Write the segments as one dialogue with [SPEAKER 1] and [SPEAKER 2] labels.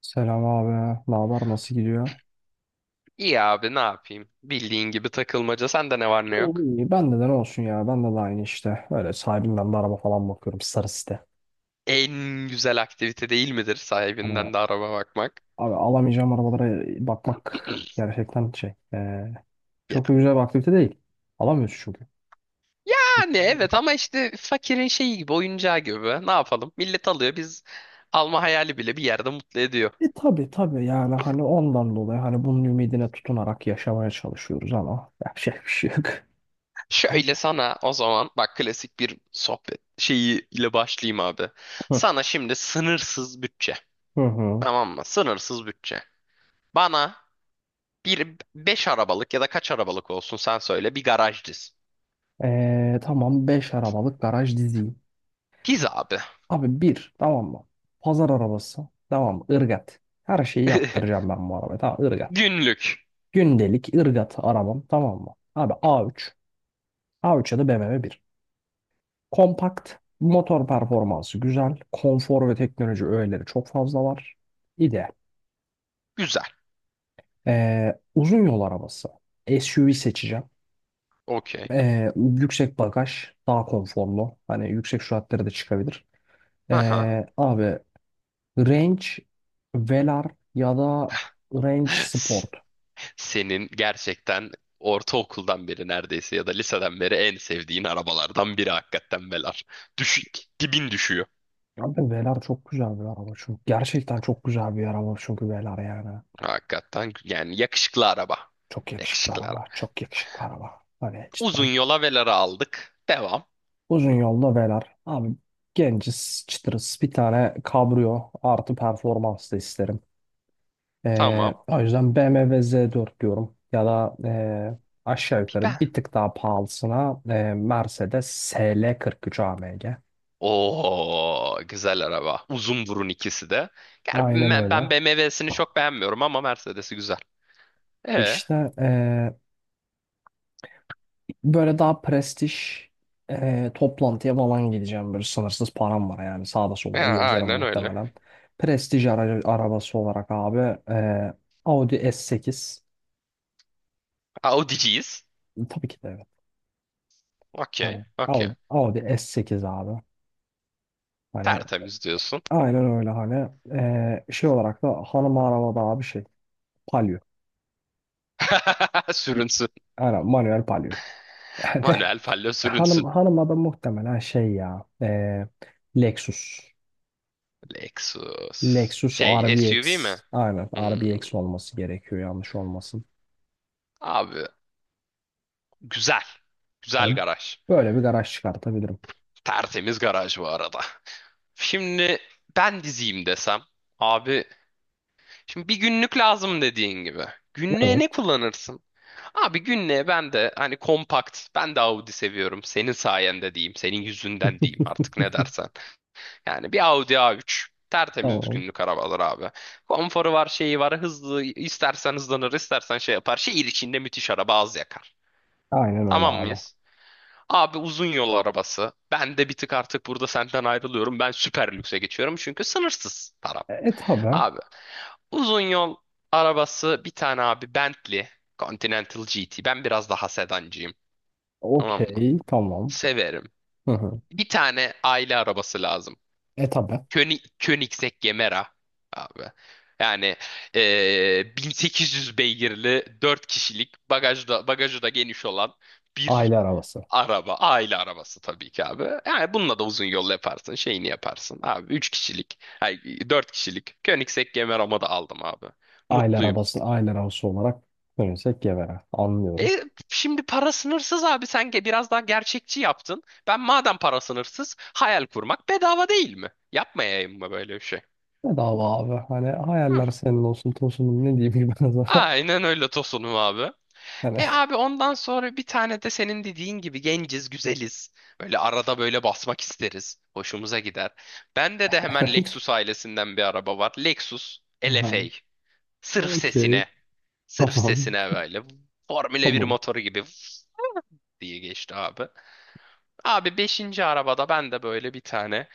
[SPEAKER 1] Selam abi. Ne haber? Nasıl gidiyor?
[SPEAKER 2] İyi abi ne yapayım? Bildiğin gibi takılmaca. Sende ne var ne
[SPEAKER 1] İyi,
[SPEAKER 2] yok?
[SPEAKER 1] iyi. Bende de ne olsun ya. Bende de aynı işte. Öyle sahibinden de araba falan bakıyorum. Sarı site.
[SPEAKER 2] En güzel aktivite değil midir
[SPEAKER 1] Hani
[SPEAKER 2] sahibinden de araba bakmak?
[SPEAKER 1] abi alamayacağım arabalara bakmak gerçekten şey.
[SPEAKER 2] Ya.
[SPEAKER 1] Çok da güzel bir aktivite değil. Alamıyorsun çünkü. Çünkü
[SPEAKER 2] Yani evet ama işte fakirin şeyi gibi, oyuncağı gibi. Ne yapalım? Millet alıyor, biz alma hayali bile bir yerde mutlu ediyor.
[SPEAKER 1] E tabi tabi, yani hani ondan dolayı, hani bunun ümidine tutunarak yaşamaya çalışıyoruz, ama yapacak bir şey yok.
[SPEAKER 2] Şöyle sana o zaman bak, klasik bir sohbet şeyi ile başlayayım abi. Sana şimdi sınırsız bütçe.
[SPEAKER 1] Hı hı.
[SPEAKER 2] Tamam mı? Sınırsız bütçe. Bana bir 5 arabalık ya da kaç arabalık olsun sen söyle, bir garaj diz.
[SPEAKER 1] Tamam beş arabalık garaj diziyim.
[SPEAKER 2] Diz abi.
[SPEAKER 1] Abi bir, tamam mı? Pazar arabası. Tamam mı? Irgat. Her şeyi yaptıracağım ben bu arabaya. Tamam, ırgat.
[SPEAKER 2] Günlük.
[SPEAKER 1] Gündelik ırgat arabam, tamam mı? Abi A3. A3 ya da BMW bir Kompakt. Motor performansı güzel. Konfor ve teknoloji öğeleri çok fazla var. İdeal.
[SPEAKER 2] Güzel.
[SPEAKER 1] Uzun yol arabası. SUV seçeceğim.
[SPEAKER 2] Okey.
[SPEAKER 1] Yüksek bagaj. Daha konforlu. Hani yüksek süratlere de çıkabilir.
[SPEAKER 2] Aha.
[SPEAKER 1] Abi Range Velar ya da Range Sport.
[SPEAKER 2] Senin gerçekten ortaokuldan beri neredeyse ya da liseden beri en sevdiğin arabalardan biri hakikaten Velar. Düşük, dibin düşüyor.
[SPEAKER 1] Abi Velar çok güzel bir araba çünkü. Gerçekten çok güzel bir araba çünkü Velar, yani.
[SPEAKER 2] Hakikaten yani yakışıklı araba.
[SPEAKER 1] Çok yakışıklı
[SPEAKER 2] Yakışıklı
[SPEAKER 1] araba.
[SPEAKER 2] araba.
[SPEAKER 1] Çok yakışıklı araba. Hani
[SPEAKER 2] Uzun
[SPEAKER 1] cidden.
[SPEAKER 2] yola Velar'ı aldık. Devam.
[SPEAKER 1] Uzun yolda Velar. Abi genciz, çıtırız. Bir tane kabrio artı performans da isterim. Ee,
[SPEAKER 2] Tamam.
[SPEAKER 1] o yüzden BMW Z4 diyorum. Ya da aşağı yukarı
[SPEAKER 2] Ben.
[SPEAKER 1] bir tık daha pahalısına Mercedes SL43 AMG.
[SPEAKER 2] Oo, güzel araba. Uzun burun ikisi de. Yani
[SPEAKER 1] Aynen
[SPEAKER 2] ben,
[SPEAKER 1] öyle.
[SPEAKER 2] ben BMW'sini çok beğenmiyorum ama Mercedes'i güzel. E,
[SPEAKER 1] İşte böyle daha prestij, toplantıya falan gideceğim. Böyle sınırsız param var, yani sağda solda gezerim
[SPEAKER 2] aynen öyle.
[SPEAKER 1] muhtemelen. Prestij aracı, arabası olarak abi Audi S8,
[SPEAKER 2] Audi'ciyiz.
[SPEAKER 1] tabii ki de, evet.
[SPEAKER 2] Okey.
[SPEAKER 1] Hani Audi,
[SPEAKER 2] Okey.
[SPEAKER 1] Audi S8 abi. Hani
[SPEAKER 2] Tertemiz diyorsun.
[SPEAKER 1] aynen öyle, hani şey olarak da, hanım arabada abi, şey, Palio.
[SPEAKER 2] Sürünsün.
[SPEAKER 1] Aynen manuel Palio. Hani
[SPEAKER 2] Manuel fallo
[SPEAKER 1] hanım
[SPEAKER 2] sürünsün.
[SPEAKER 1] hanıma da muhtemelen şey, ya, Lexus.
[SPEAKER 2] Lexus.
[SPEAKER 1] Lexus R B
[SPEAKER 2] Şey, SUV
[SPEAKER 1] RBX.
[SPEAKER 2] mi?
[SPEAKER 1] Aynen R B X
[SPEAKER 2] Hmm,
[SPEAKER 1] olması gerekiyor, yanlış olmasın.
[SPEAKER 2] abi güzel. Güzel
[SPEAKER 1] Hani
[SPEAKER 2] garaj.
[SPEAKER 1] böyle bir garaj çıkartabilirim.
[SPEAKER 2] Tertemiz garaj bu arada. Şimdi ben diziyim desem. Abi şimdi bir günlük lazım dediğin gibi. Günlüğe ne
[SPEAKER 1] Evet.
[SPEAKER 2] kullanırsın? Abi günlüğe ben de hani kompakt. Ben de Audi seviyorum. Senin sayende diyeyim. Senin yüzünden diyeyim, artık ne dersen. Yani bir Audi A3. Tertemiz
[SPEAKER 1] Tamam.
[SPEAKER 2] günlük arabalar abi. Konforu var, şeyi var, hızlı. İstersen hızlanır, istersen şey yapar. Şehir içinde müthiş araba, az yakar.
[SPEAKER 1] Aynen öyle
[SPEAKER 2] Tamam
[SPEAKER 1] abi.
[SPEAKER 2] mıyız? Abi uzun yol arabası. Ben de bir tık artık burada senden ayrılıyorum. Ben süper lükse geçiyorum çünkü sınırsız param.
[SPEAKER 1] E, tabi.
[SPEAKER 2] Abi uzun yol arabası bir tane abi Bentley Continental GT. Ben biraz daha sedancıyım. Tamam mı?
[SPEAKER 1] Okey. Tamam.
[SPEAKER 2] Severim.
[SPEAKER 1] Hı hı.
[SPEAKER 2] Bir tane aile arabası lazım.
[SPEAKER 1] E, tabi.
[SPEAKER 2] König, Koenigsegg Gemera abi. Yani 1800 beygirli 4 kişilik, bagajda da, bagajı da geniş olan bir
[SPEAKER 1] Aile arabası.
[SPEAKER 2] araba. Aile arabası tabii ki abi. Yani bununla da uzun yol yaparsın. Şeyini yaparsın abi. Üç kişilik. Ay, 4 kişilik. Koenigsegg Gemera'mı da aldım abi.
[SPEAKER 1] Aile
[SPEAKER 2] Mutluyum.
[SPEAKER 1] arabası. Aile arabası olarak dönürsek Gevere. Anlıyorum.
[SPEAKER 2] E, şimdi para sınırsız abi. Sen biraz daha gerçekçi yaptın. Ben madem para sınırsız, hayal kurmak bedava değil mi? Yapmayayım mı böyle bir şey?
[SPEAKER 1] Ne dava abi. Hani hayaller senin olsun tosunum, ne diyeyim ki ben o zaman.
[SPEAKER 2] Aynen öyle Tosun'um abi.
[SPEAKER 1] Hani
[SPEAKER 2] E abi ondan sonra bir tane de senin dediğin gibi genciz, güzeliz. Böyle arada böyle basmak isteriz. Hoşumuza gider. Bende de hemen
[SPEAKER 1] evet.
[SPEAKER 2] Lexus ailesinden bir araba var. Lexus
[SPEAKER 1] Aha.
[SPEAKER 2] LFA. Sırf
[SPEAKER 1] Okey.
[SPEAKER 2] sesine. Sırf
[SPEAKER 1] Tamam.
[SPEAKER 2] sesine böyle. Formüle bir
[SPEAKER 1] Tamam.
[SPEAKER 2] motoru gibi diye geçti abi. Abi beşinci arabada ben de böyle bir tane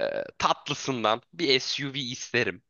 [SPEAKER 2] e, tatlısından bir SUV isterim.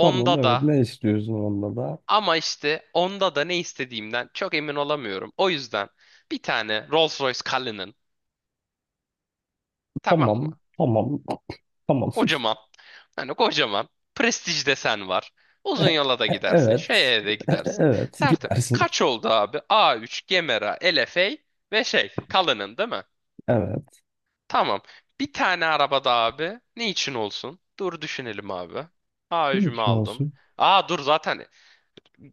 [SPEAKER 1] Tamam, evet.
[SPEAKER 2] da
[SPEAKER 1] Ne istiyorsun onda da?
[SPEAKER 2] ama işte onda da ne istediğimden çok emin olamıyorum. O yüzden bir tane Rolls-Royce Cullinan, tamam mı?
[SPEAKER 1] Tamam, tamam, tamam.
[SPEAKER 2] Kocaman. Hani kocaman. Prestij desen var. Uzun yola da gidersin.
[SPEAKER 1] Evet,
[SPEAKER 2] Şeye de gidersin.
[SPEAKER 1] evet,
[SPEAKER 2] Tertemiz.
[SPEAKER 1] gidersin.
[SPEAKER 2] Kaç oldu abi? A3, Gemera, LFA ve şey Cullinan değil mi?
[SPEAKER 1] Evet.
[SPEAKER 2] Tamam. Bir tane araba da abi. Ne için olsun? Dur düşünelim abi.
[SPEAKER 1] Ne
[SPEAKER 2] A3'ümü
[SPEAKER 1] için
[SPEAKER 2] aldım.
[SPEAKER 1] olsun?
[SPEAKER 2] Aa dur, zaten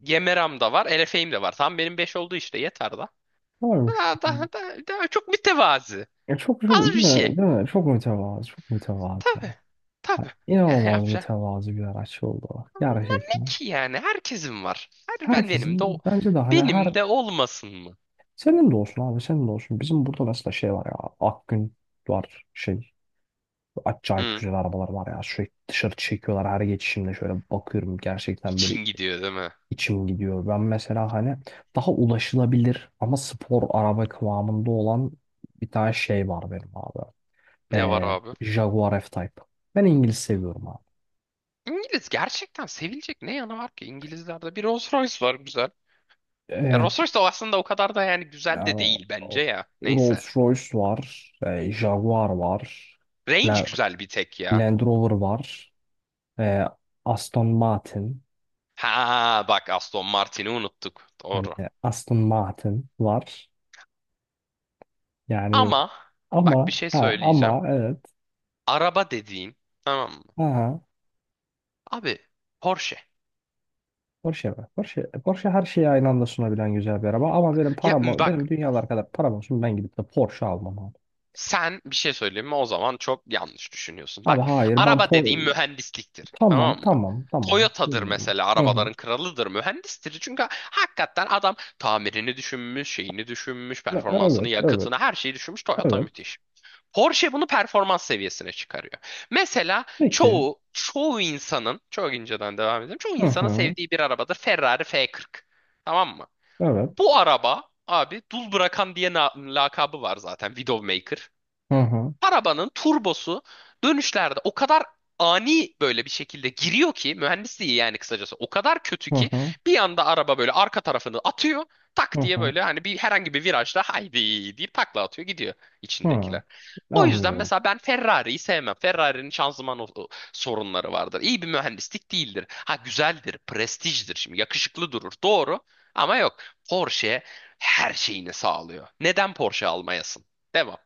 [SPEAKER 2] Gemera'm da var. LFA'im de var. Tam benim 5 oldu işte, yeter da.
[SPEAKER 1] Varmış.
[SPEAKER 2] Daha çok mütevazı.
[SPEAKER 1] Ya çok çok değil
[SPEAKER 2] Az bir
[SPEAKER 1] mi?
[SPEAKER 2] şey.
[SPEAKER 1] Değil mi? Çok mütevazı, çok mütevazı.
[SPEAKER 2] Tabii.
[SPEAKER 1] Ha,
[SPEAKER 2] Tabii. Yani
[SPEAKER 1] İnanılmaz
[SPEAKER 2] yapacağım.
[SPEAKER 1] mütevazı bir araç oldu o.
[SPEAKER 2] Ama bunlar ne
[SPEAKER 1] Gerçekten.
[SPEAKER 2] ki yani? Herkesin var. Her ben Benim de
[SPEAKER 1] Herkesin, bence de hani, her
[SPEAKER 2] benim de olmasın mı?
[SPEAKER 1] senin de olsun abi, senin de olsun. Bizim burada mesela şey var ya, Akgün var, şey, acayip
[SPEAKER 2] Hı.
[SPEAKER 1] güzel arabalar var ya, sürekli dışarı çekiyorlar, her geçişimde şöyle bakıyorum, gerçekten böyle
[SPEAKER 2] İçin gidiyor değil mi?
[SPEAKER 1] içim gidiyor. Ben mesela hani daha ulaşılabilir ama spor araba kıvamında olan bir tane şey var benim abi.
[SPEAKER 2] Ne var
[SPEAKER 1] Ee,
[SPEAKER 2] abi?
[SPEAKER 1] Jaguar F-Type. Ben İngiliz seviyorum abi.
[SPEAKER 2] İngiliz gerçekten, sevilecek ne yanı var ki? İngilizlerde bir Rolls Royce var, güzel. Ya
[SPEAKER 1] Ee,
[SPEAKER 2] Rolls Royce de aslında o kadar da yani güzel de
[SPEAKER 1] yani,
[SPEAKER 2] değil bence
[SPEAKER 1] o-
[SPEAKER 2] ya. Neyse.
[SPEAKER 1] Rolls-Royce var. Jaguar var.
[SPEAKER 2] Range
[SPEAKER 1] La-
[SPEAKER 2] güzel bir tek ya.
[SPEAKER 1] Land Rover var. Ee, Aston Martin.
[SPEAKER 2] Ha bak, Aston Martin'i unuttuk.
[SPEAKER 1] Hani
[SPEAKER 2] Doğru.
[SPEAKER 1] Aston Martin var. Yani
[SPEAKER 2] Ama bak bir şey söyleyeceğim.
[SPEAKER 1] ama, evet.
[SPEAKER 2] Araba dediğin, tamam mı?
[SPEAKER 1] Aha.
[SPEAKER 2] Abi Porsche.
[SPEAKER 1] Porsche var. Porsche, Porsche her şeyi aynı anda sunabilen güzel bir araba. Ama benim
[SPEAKER 2] Ya
[SPEAKER 1] param, benim
[SPEAKER 2] bak,
[SPEAKER 1] dünyalar kadar param olsun, ben gidip de Porsche almam abi.
[SPEAKER 2] sen bir şey söyleyeyim mi, o zaman çok yanlış düşünüyorsun.
[SPEAKER 1] Abi
[SPEAKER 2] Bak,
[SPEAKER 1] hayır ben.
[SPEAKER 2] araba dediğin mühendisliktir,
[SPEAKER 1] Tamam
[SPEAKER 2] tamam mı?
[SPEAKER 1] tamam tamam.
[SPEAKER 2] Toyota'dır
[SPEAKER 1] Bilmiyorum.
[SPEAKER 2] mesela,
[SPEAKER 1] Hı hı.
[SPEAKER 2] arabaların kralıdır, mühendistir. Çünkü hakikaten adam tamirini düşünmüş, şeyini düşünmüş,
[SPEAKER 1] Ya,
[SPEAKER 2] performansını,
[SPEAKER 1] evet evet
[SPEAKER 2] yakıtını, her şeyi düşünmüş. Toyota
[SPEAKER 1] evet.
[SPEAKER 2] müthiş. Porsche bunu performans seviyesine çıkarıyor. Mesela
[SPEAKER 1] Peki.
[SPEAKER 2] çoğu insanın, çok inceden devam edelim. Çoğu
[SPEAKER 1] Hı
[SPEAKER 2] insanın
[SPEAKER 1] hı.
[SPEAKER 2] sevdiği bir arabadır Ferrari F40. Tamam mı?
[SPEAKER 1] Evet.
[SPEAKER 2] Bu araba abi dul bırakan diye lakabı var zaten, Widowmaker.
[SPEAKER 1] Hı hı.
[SPEAKER 2] Arabanın turbosu dönüşlerde o kadar ani böyle bir şekilde giriyor ki, mühendisliği yani kısacası o kadar kötü
[SPEAKER 1] Hı
[SPEAKER 2] ki
[SPEAKER 1] hı.
[SPEAKER 2] bir anda araba böyle arka tarafını atıyor,
[SPEAKER 1] Hı
[SPEAKER 2] tak diye
[SPEAKER 1] hı.
[SPEAKER 2] böyle hani bir herhangi bir virajda haydi deyip takla atıyor, gidiyor
[SPEAKER 1] Hı.
[SPEAKER 2] içindekiler. O yüzden
[SPEAKER 1] Anlıyorum.
[SPEAKER 2] mesela ben Ferrari'yi sevmem. Ferrari'nin şanzıman o sorunları vardır. İyi bir mühendislik değildir. Ha güzeldir, prestijdir, şimdi yakışıklı durur. Doğru ama yok. Porsche her şeyini sağlıyor. Neden Porsche almayasın? Devam.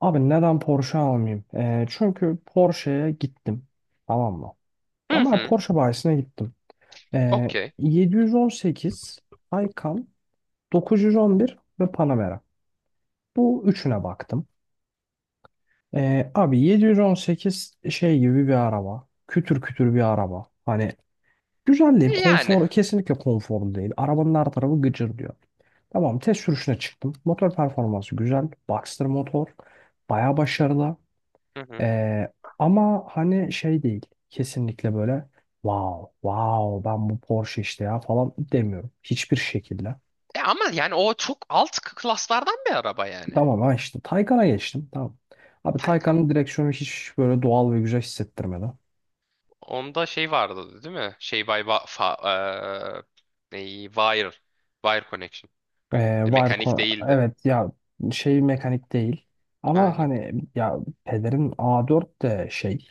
[SPEAKER 1] Abi neden Porsche almayayım? Çünkü Porsche'ye gittim. Tamam mı?
[SPEAKER 2] Hı
[SPEAKER 1] Ama
[SPEAKER 2] hı.
[SPEAKER 1] Porsche bayisine gittim.
[SPEAKER 2] Okey.
[SPEAKER 1] 718 Taycan, 911 ve Panamera. Bu üçüne baktım. Abi 718 şey gibi bir araba. Kütür kütür bir araba. Hani güzel değil.
[SPEAKER 2] E, yani.
[SPEAKER 1] Konfor, kesinlikle konforlu değil. Arabanın her tarafı gıcır diyor. Tamam, test sürüşüne çıktım. Motor performansı güzel. Boxster motor. Baya başarılı.
[SPEAKER 2] Hı hı.
[SPEAKER 1] Ee, ama hani şey değil. Kesinlikle böyle wow wow ben bu Porsche işte ya falan demiyorum. Hiçbir şekilde.
[SPEAKER 2] E ama yani o çok alt klaslardan bir araba yani.
[SPEAKER 1] Tamam, ha, işte Taycan'a geçtim. Tamam. Abi
[SPEAKER 2] Taycan.
[SPEAKER 1] Taycan'ın direksiyonu hiç böyle doğal ve güzel hissettirmedi.
[SPEAKER 2] Onda şey vardı değil mi? Şey by wa- fa- eee, neyi? Wire. Wire connection. E,
[SPEAKER 1] Var
[SPEAKER 2] mekanik değildi.
[SPEAKER 1] evet ya, şey mekanik değil. Ama
[SPEAKER 2] Aynen.
[SPEAKER 1] hani ya, pederin A4 de şey,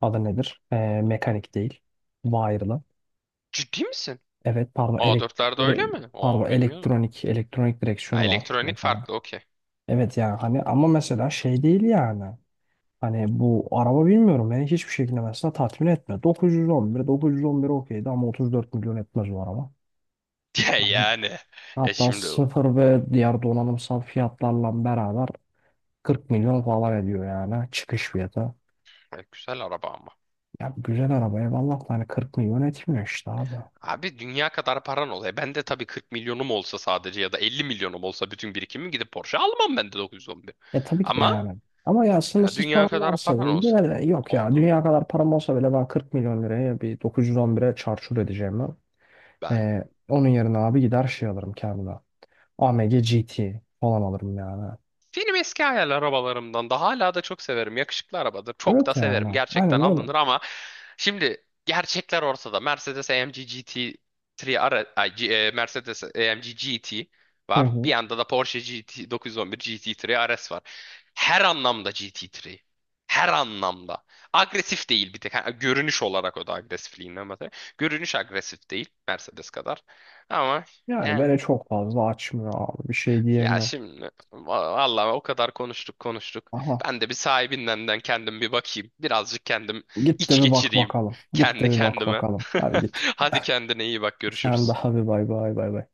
[SPEAKER 1] adı nedir? Mekanik değil. Wire'lı.
[SPEAKER 2] Ciddi misin?
[SPEAKER 1] Evet pardon
[SPEAKER 2] A4'lerde öyle
[SPEAKER 1] ele-
[SPEAKER 2] mi?
[SPEAKER 1] pardon
[SPEAKER 2] Aa, bilmiyordum.
[SPEAKER 1] elektronik
[SPEAKER 2] Ha,
[SPEAKER 1] direksiyonu var
[SPEAKER 2] elektronik
[SPEAKER 1] mesela.
[SPEAKER 2] farklı, okey.
[SPEAKER 1] Evet yani, hani ama mesela şey değil yani. Hani bu araba bilmiyorum, beni hiçbir şekilde mesela tatmin etmiyor. 911 okeydi ama 34 milyon etmez o araba.
[SPEAKER 2] Ya
[SPEAKER 1] Hani
[SPEAKER 2] yani. E
[SPEAKER 1] hatta
[SPEAKER 2] şimdi o.
[SPEAKER 1] sıfır ve diğer donanımsal fiyatlarla beraber 40 milyon falan ediyor yani, çıkış fiyatı.
[SPEAKER 2] E, güzel araba ama.
[SPEAKER 1] Ya güzel araba eyvallah da hani 40 milyon etmiyor işte abi.
[SPEAKER 2] Abi dünya kadar paran oluyor. Ben de tabii 40 milyonum olsa sadece ya da 50 milyonum olsa bütün birikimim gidip Porsche almam, ben de 911.
[SPEAKER 1] E, tabii ki de
[SPEAKER 2] Ama
[SPEAKER 1] yani. Ama ya
[SPEAKER 2] ya
[SPEAKER 1] sınırsız param
[SPEAKER 2] dünya kadar
[SPEAKER 1] varsa
[SPEAKER 2] paran olsa.
[SPEAKER 1] yine de, yok ya,
[SPEAKER 2] Oğlum
[SPEAKER 1] dünya kadar param olsa bile ben 40 milyon liraya bir 911'e çarçur edeceğim ben.
[SPEAKER 2] ben
[SPEAKER 1] Onun yerine abi gider şey alırım kendime. AMG GT falan alırım yani.
[SPEAKER 2] benim eski hayal arabalarımdan, da hala da çok severim. Yakışıklı arabadır. Çok da
[SPEAKER 1] Evet yani.
[SPEAKER 2] severim. Gerçekten
[SPEAKER 1] Aynen öyle.
[SPEAKER 2] alınır ama şimdi gerçekler ortada. Mercedes AMG GT 3 ara, ay, G- e, Mercedes AMG GT
[SPEAKER 1] Hı
[SPEAKER 2] var.
[SPEAKER 1] hı.
[SPEAKER 2] Bir yanda da Porsche GT 911 GT3 RS var. Her anlamda GT3. Her anlamda. Agresif değil bir tek. Ha, görünüş olarak o da agresifliğinden bahsediyor. Görünüş agresif değil Mercedes kadar. Ama
[SPEAKER 1] Yani
[SPEAKER 2] yani
[SPEAKER 1] beni çok fazla açmıyor abi. Bir şey
[SPEAKER 2] Ya
[SPEAKER 1] diyemiyorum.
[SPEAKER 2] şimdi va- vallahi o kadar konuştuk.
[SPEAKER 1] Aha.
[SPEAKER 2] Ben de bir sahibinden kendim bir bakayım. Birazcık kendim
[SPEAKER 1] Git de
[SPEAKER 2] iç
[SPEAKER 1] bir bak
[SPEAKER 2] geçireyim
[SPEAKER 1] bakalım. Git de
[SPEAKER 2] kendi
[SPEAKER 1] bir bak
[SPEAKER 2] kendime.
[SPEAKER 1] bakalım. Hadi git.
[SPEAKER 2] Hadi kendine iyi bak,
[SPEAKER 1] Sen
[SPEAKER 2] görüşürüz.
[SPEAKER 1] daha bir, bay bay bay bay.